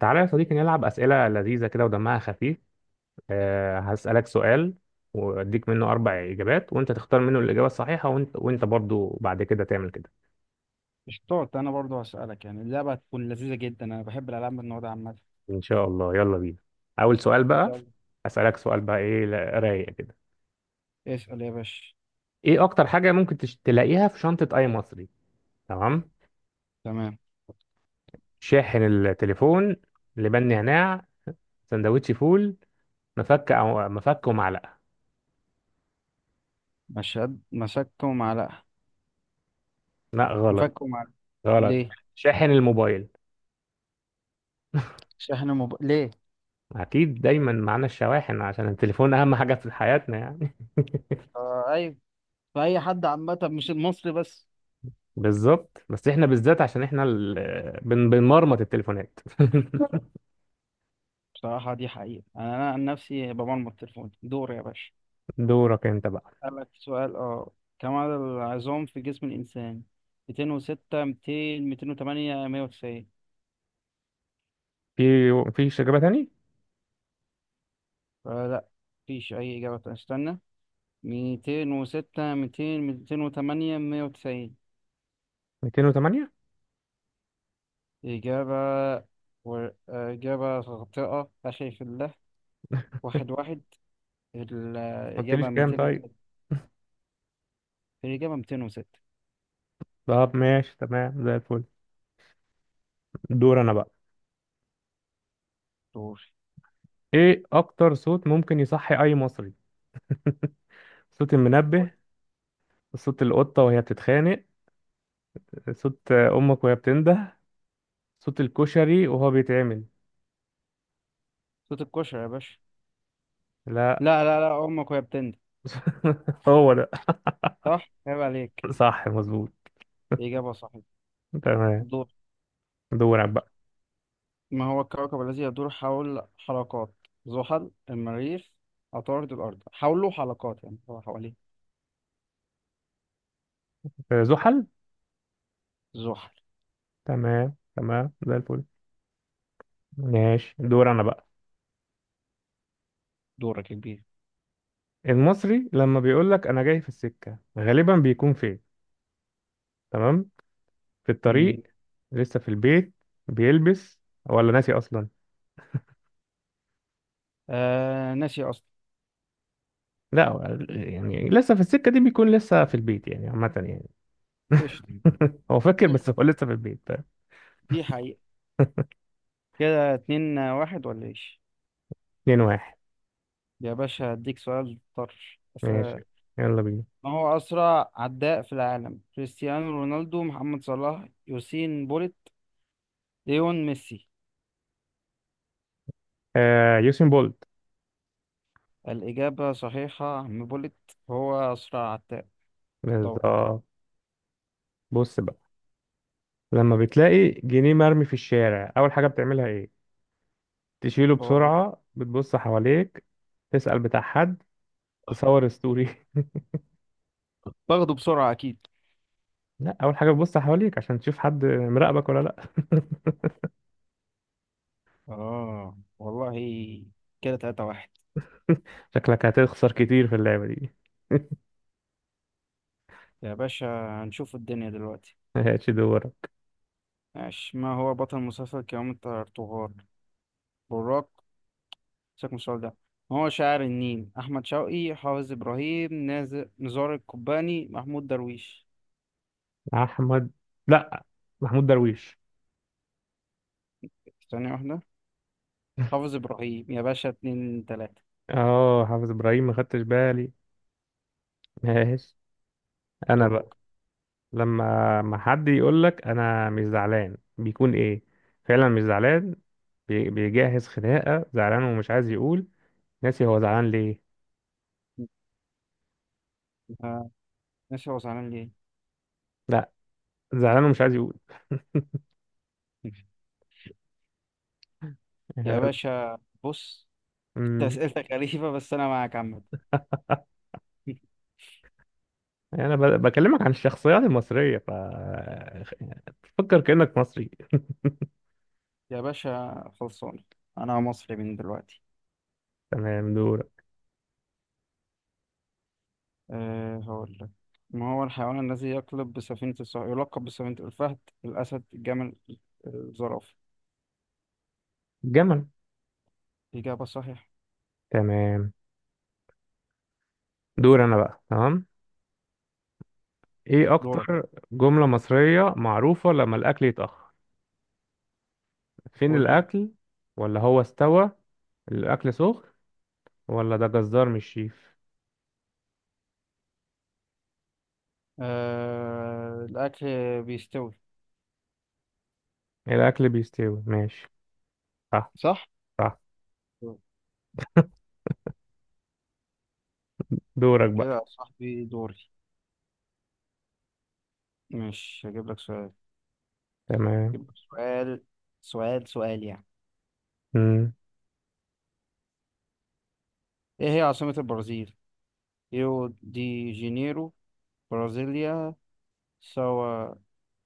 تعالى يا صديقي نلعب أسئلة لذيذة كده ودمها خفيف. هسألك سؤال وأديك منه 4 إجابات، وأنت تختار منه الإجابة الصحيحة، وأنت برضو بعد كده تعمل كده. اشطاط، انا برضو هسألك، يعني اللعبة هتكون لذيذة جدا. انا بحب الالعاب من النوع ده عامة. إن شاء الله، يلا بينا. أول سؤال بقى. يلا، أسألك سؤال بقى، إيه رايق كده. اسأل يا باشا. إيه أكتر حاجة ممكن تلاقيها في شنطة أي مصري؟ تمام. تمام، شاحن التليفون، لبن نعناع، سندوتش فول، مفك أو مفك ومعلقة. مشهد مسكته معلقة. لا، غلط. مفكه معلقة. غلط. ليه؟ شاحن الموبايل. شحن موبايل؟ ليه؟ اكيد دايما معانا الشواحن عشان التليفون اهم حاجه في حياتنا يعني. آه، ايوه. فأي حد عامة، مش المصري بس. بالظبط، بس احنا بالذات عشان احنا بنمرمط التليفونات. بصراحة دي حقيقة، انا عن نفسي بمرمط تليفوني. دور يا باشا. دورك انت بقى. اسألك سؤال اه كم عدد العظام في جسم الانسان؟ 206، 200، 208، 190؟ في في اجابه تاني؟ آه، لا، مفيش اي اجابة تانية. استنى. ميتين وستة، ميتين وتمانية، مية وتسعين. 208، ما إجابة إجابة خاطئة، أخي في الله. واحد واحد. قلتليش الإجابة كام ميتين طيب؟ وستة. الإجابة ميتين وستة. طب ماشي، تمام زي الفل. دور انا بقى. دور. ايه اكتر صوت ممكن يصحي اي مصري؟ صوت المنبه، صوت القطه وهي بتتخانق، صوت امك وهي بتنده، صوت الكشري وهو بيتعمل. صوت الكشري يا باشا. لا. لا، لا، لا، أمك وهي بتندب. هو ده. صح. عيب عليك. صح، مظبوط. إجابة صحيحة. تمام. دور. دورك بقى. ما هو الكوكب الذي يدور حول حلقات؟ زحل، المريخ، عطارد، الأرض؟ حوله حلقات يعني هو حواليه. آه، زحل. زحل. تمام تمام زي الفل. ماشي، دور انا بقى. دورك يا كبير. المصري لما بيقول لك انا جاي في السكة غالبا بيكون فين؟ تمام. في مم. الطريق، لسه في البيت بيلبس، ولا ناسي اصلا. آه، ناسي أصلا. لا، هو يعني لسه في السكة دي بيكون لسه في البيت يعني، عامة يعني. قشطة. هو فاكر دي بس حقيقة. هو لسه في البيت، فاهم؟ دي حقيقة. كده اتنين واحد، ولا ايش؟ 2-1. يا باشا هديك سؤال طرش بس ماشي، آه، يلا بينا. ما هو أسرع عداء في العالم؟ كريستيانو رونالدو، محمد صلاح، يوسين بوليت، ليون ميسي؟ آه، يوسين بولت. الإجابة صحيحة، يا عم بوليت هو أسرع عداء. دور. بالظبط. بص بقى. لما بتلاقي جنيه مرمي في الشارع، اول حاجة بتعملها ايه؟ تشيله دور. بسرعة، بتبص حواليك، تسأل بتاع حد، تصور ستوري. باخده بسرعة أكيد. لا، أول حاجة بتبص حواليك عشان تشوف حد مراقبك ولا لا. آه والله. كده تلاتة واحد. شكلك هتخسر كتير في اللعبة دي. يا باشا، هنشوف الدنيا دلوقتي. ماشي، دورك. ماشي. ما هو بطل مسلسل كرامة الترطغرل؟ براق. سيبك من السؤال ده. هو شاعر النيل؟ أحمد شوقي، حافظ إبراهيم، نزار القباني، محمود درويش؟ أحمد، لا، محمود درويش. ثانية واحدة. حافظ إبراهيم يا باشا. اتنين تلاتة. اه، حافظ إبراهيم، ما خدتش بالي. ماشي. أنا دورك. بقى. لما ما حد يقول لك أنا مش زعلان بيكون إيه؟ فعلا مش زعلان، بيجهز خناقة، زعلان ومش عايز يقول، ناسي هو زعلان ليه. آه، ناسي هو زعلان ليه. لا، زعلان ومش عايز يقول. يا باشا. بص. انت امم. أسئلتك غريبة، بس أنا معاك عامة. يعني انا بكلمك عن الشخصيات المصريه، ف تفكر كانك مصري. يا باشا خلصان. أنا مصري من دلوقتي. تمام، دور. أه، هقول لك. ما هو الحيوان الذي يلقب بسفينة الفهد؟ الأسد، الجمل، الزرافة؟ جمل. إجابة صحيحة. تمام، دور انا بقى، تمام. ايه دورك. اكتر جمله مصريه معروفه لما الاكل يتاخر؟ فين قول. الاكل، ولا هو استوى، الاكل سخن، ولا ده جزار مش شيف. آه، الأكل بيستوي. الاكل بيستوي، ماشي. صح. صح؟ صح. دورك بقى. كده يا صاحبي دوري. مش هجيب لك سؤال. تمام. هجيب لك سؤال. سؤال سؤال يعني. امم. إيه هي عاصمة البرازيل؟ ريو دي جانيرو، برازيليا، ساو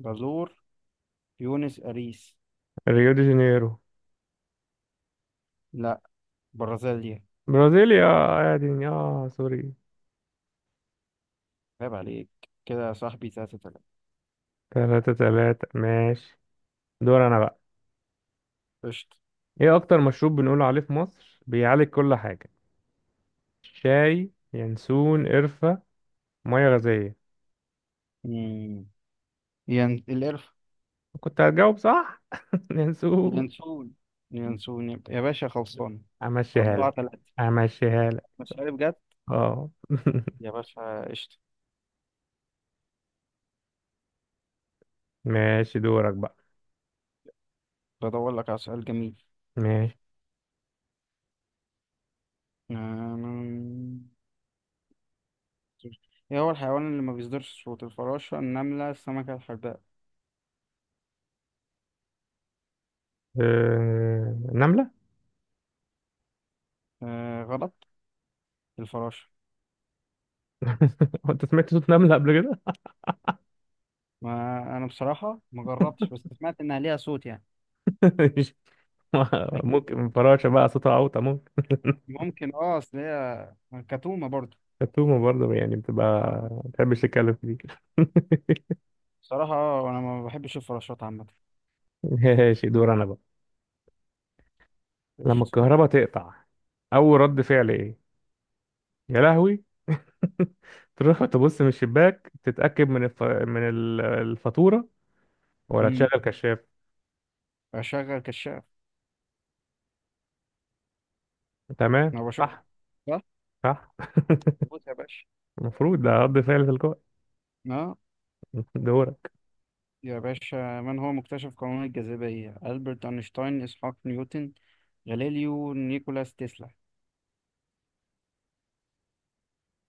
بالور، بيونس أريس؟ ريو دي جانيرو. لا، برازيليا. برازيليا، اه يا دنيا، اه سوري. عيب عليك. كده يا صاحبي تلاتة تلاتة. 3-3، ماشي. دور انا بقى. قشطة. ايه اكتر مشروب بنقول عليه في مصر بيعالج كل حاجة؟ شاي، ينسون، قرفة، مية غازية. مم. القرف. كنت هتجاوب صح. ينسون. ينسون. ينسون يا باشا خلصان. امشيها أربعة لك. تلاتة. امشيها لك. مش عارف بجد. اه. يا باشا قشطة. ماشي، دورك بقى. بدور لك على سؤال جميل. ماشي. آم، ايه هو الحيوان اللي ما بيصدرش صوت؟ الفراشة، النملة، السمكة، الحرباء؟ نملة. آه، غلط. الفراشة. هو انت سمعت صوت نملة قبل كده؟ ما انا بصراحة ما جربتش، بس سمعت انها ليها صوت يعني. مش- اكيد ممكن ليها صوت. فراشة بقى صوتها اوطى، ممكن. ممكن، اصل هي كتومة برضه. التومة برضه يعني بتبقى، اه. ما بتحبش تتكلم كتير. بصراحة، انا ما بحبش الفراشات عامة. ماشي، دور انا بقى. لما قشطة. الكهرباء تقطع، اول رد فعل ايه؟ يا لهوي. تروح تبص من الشباك، تتأكد من الفاتورة، ولا تشغل امم كشاف. اشغل كشاف. تمام، ما بشوفش، صح. صح؟ صح. موت يا باشا. المفروض ده رد فعل تلقائي. اه دورك. يا باشا، من هو مكتشف قانون الجاذبية؟ ألبرت أينشتاين، إسحاق نيوتن، غاليليو، نيكولاس تسلا؟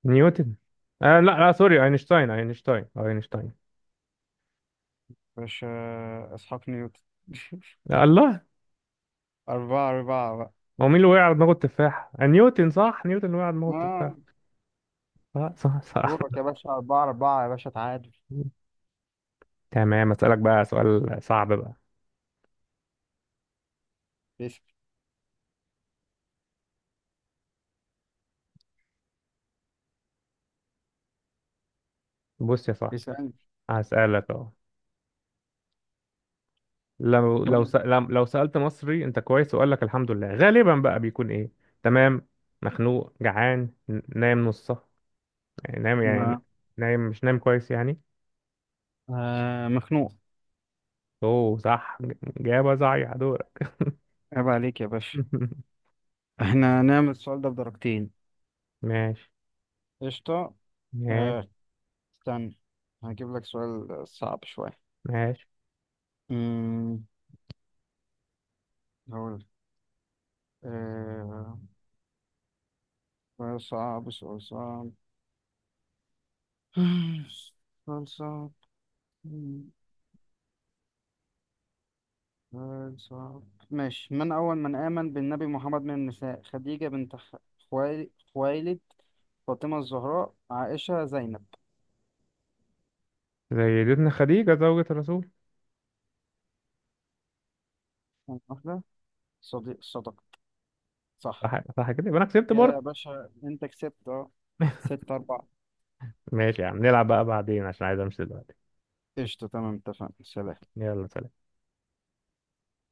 نيوتن. آه، لا لا، سوري، اينشتاين اينشتاين اينشتاين. باشا، إسحاق نيوتن. لا الله. أربعة أربعة بقى هو مين اللي وقع على دماغه التفاح؟ آه، نيوتن صح، نيوتن اللي وقع على دماغه آه التفاح. صح صح صح. دورك يا باشا. أربعة أربعة يا باشا. تعادل. تمام، اسألك بقى سؤال صعب بقى. بس- بص يا صاحبي. اسألني. هسألك اهو. لو لو طيب، س- لم- لو سألت مصري انت كويس وقال لك الحمد لله، غالبا بقى بيكون ايه؟ تمام. مخنوق، جعان، نايم نصه، يعني نايم يعني، ما نايم مش نايم كويس يعني. مخنوق. اوه صح، جابه صحيح، دورك. عيب عليك يا باشا. احنا نعمل السؤال ده بدرجتين. ماشي قشطة. ماشي آه، استنى. هجيب لك سؤال صعب شوية. ماشي. أمم، هقول. آه سؤال صعب. سؤال صعب. خلصت. خلصت. ماشي. من أول من آمن بالنبي محمد من النساء؟ خديجة بنت خويلد، فاطمة الزهراء، عائشة، زينب؟ زي سيدتنا خديجة زوجة الرسول. واحدة. صديق. صدق. صح. صح صح، كده يبقى انا كسبت كده برضه. يا باشا أنت كسبت. أه، ستة أربعة. ماشي يا عم، نلعب بقى بعدين عشان عايز امشي دلوقتي. قشطة. تمام، اتفقنا. سلام. يلا، سلام.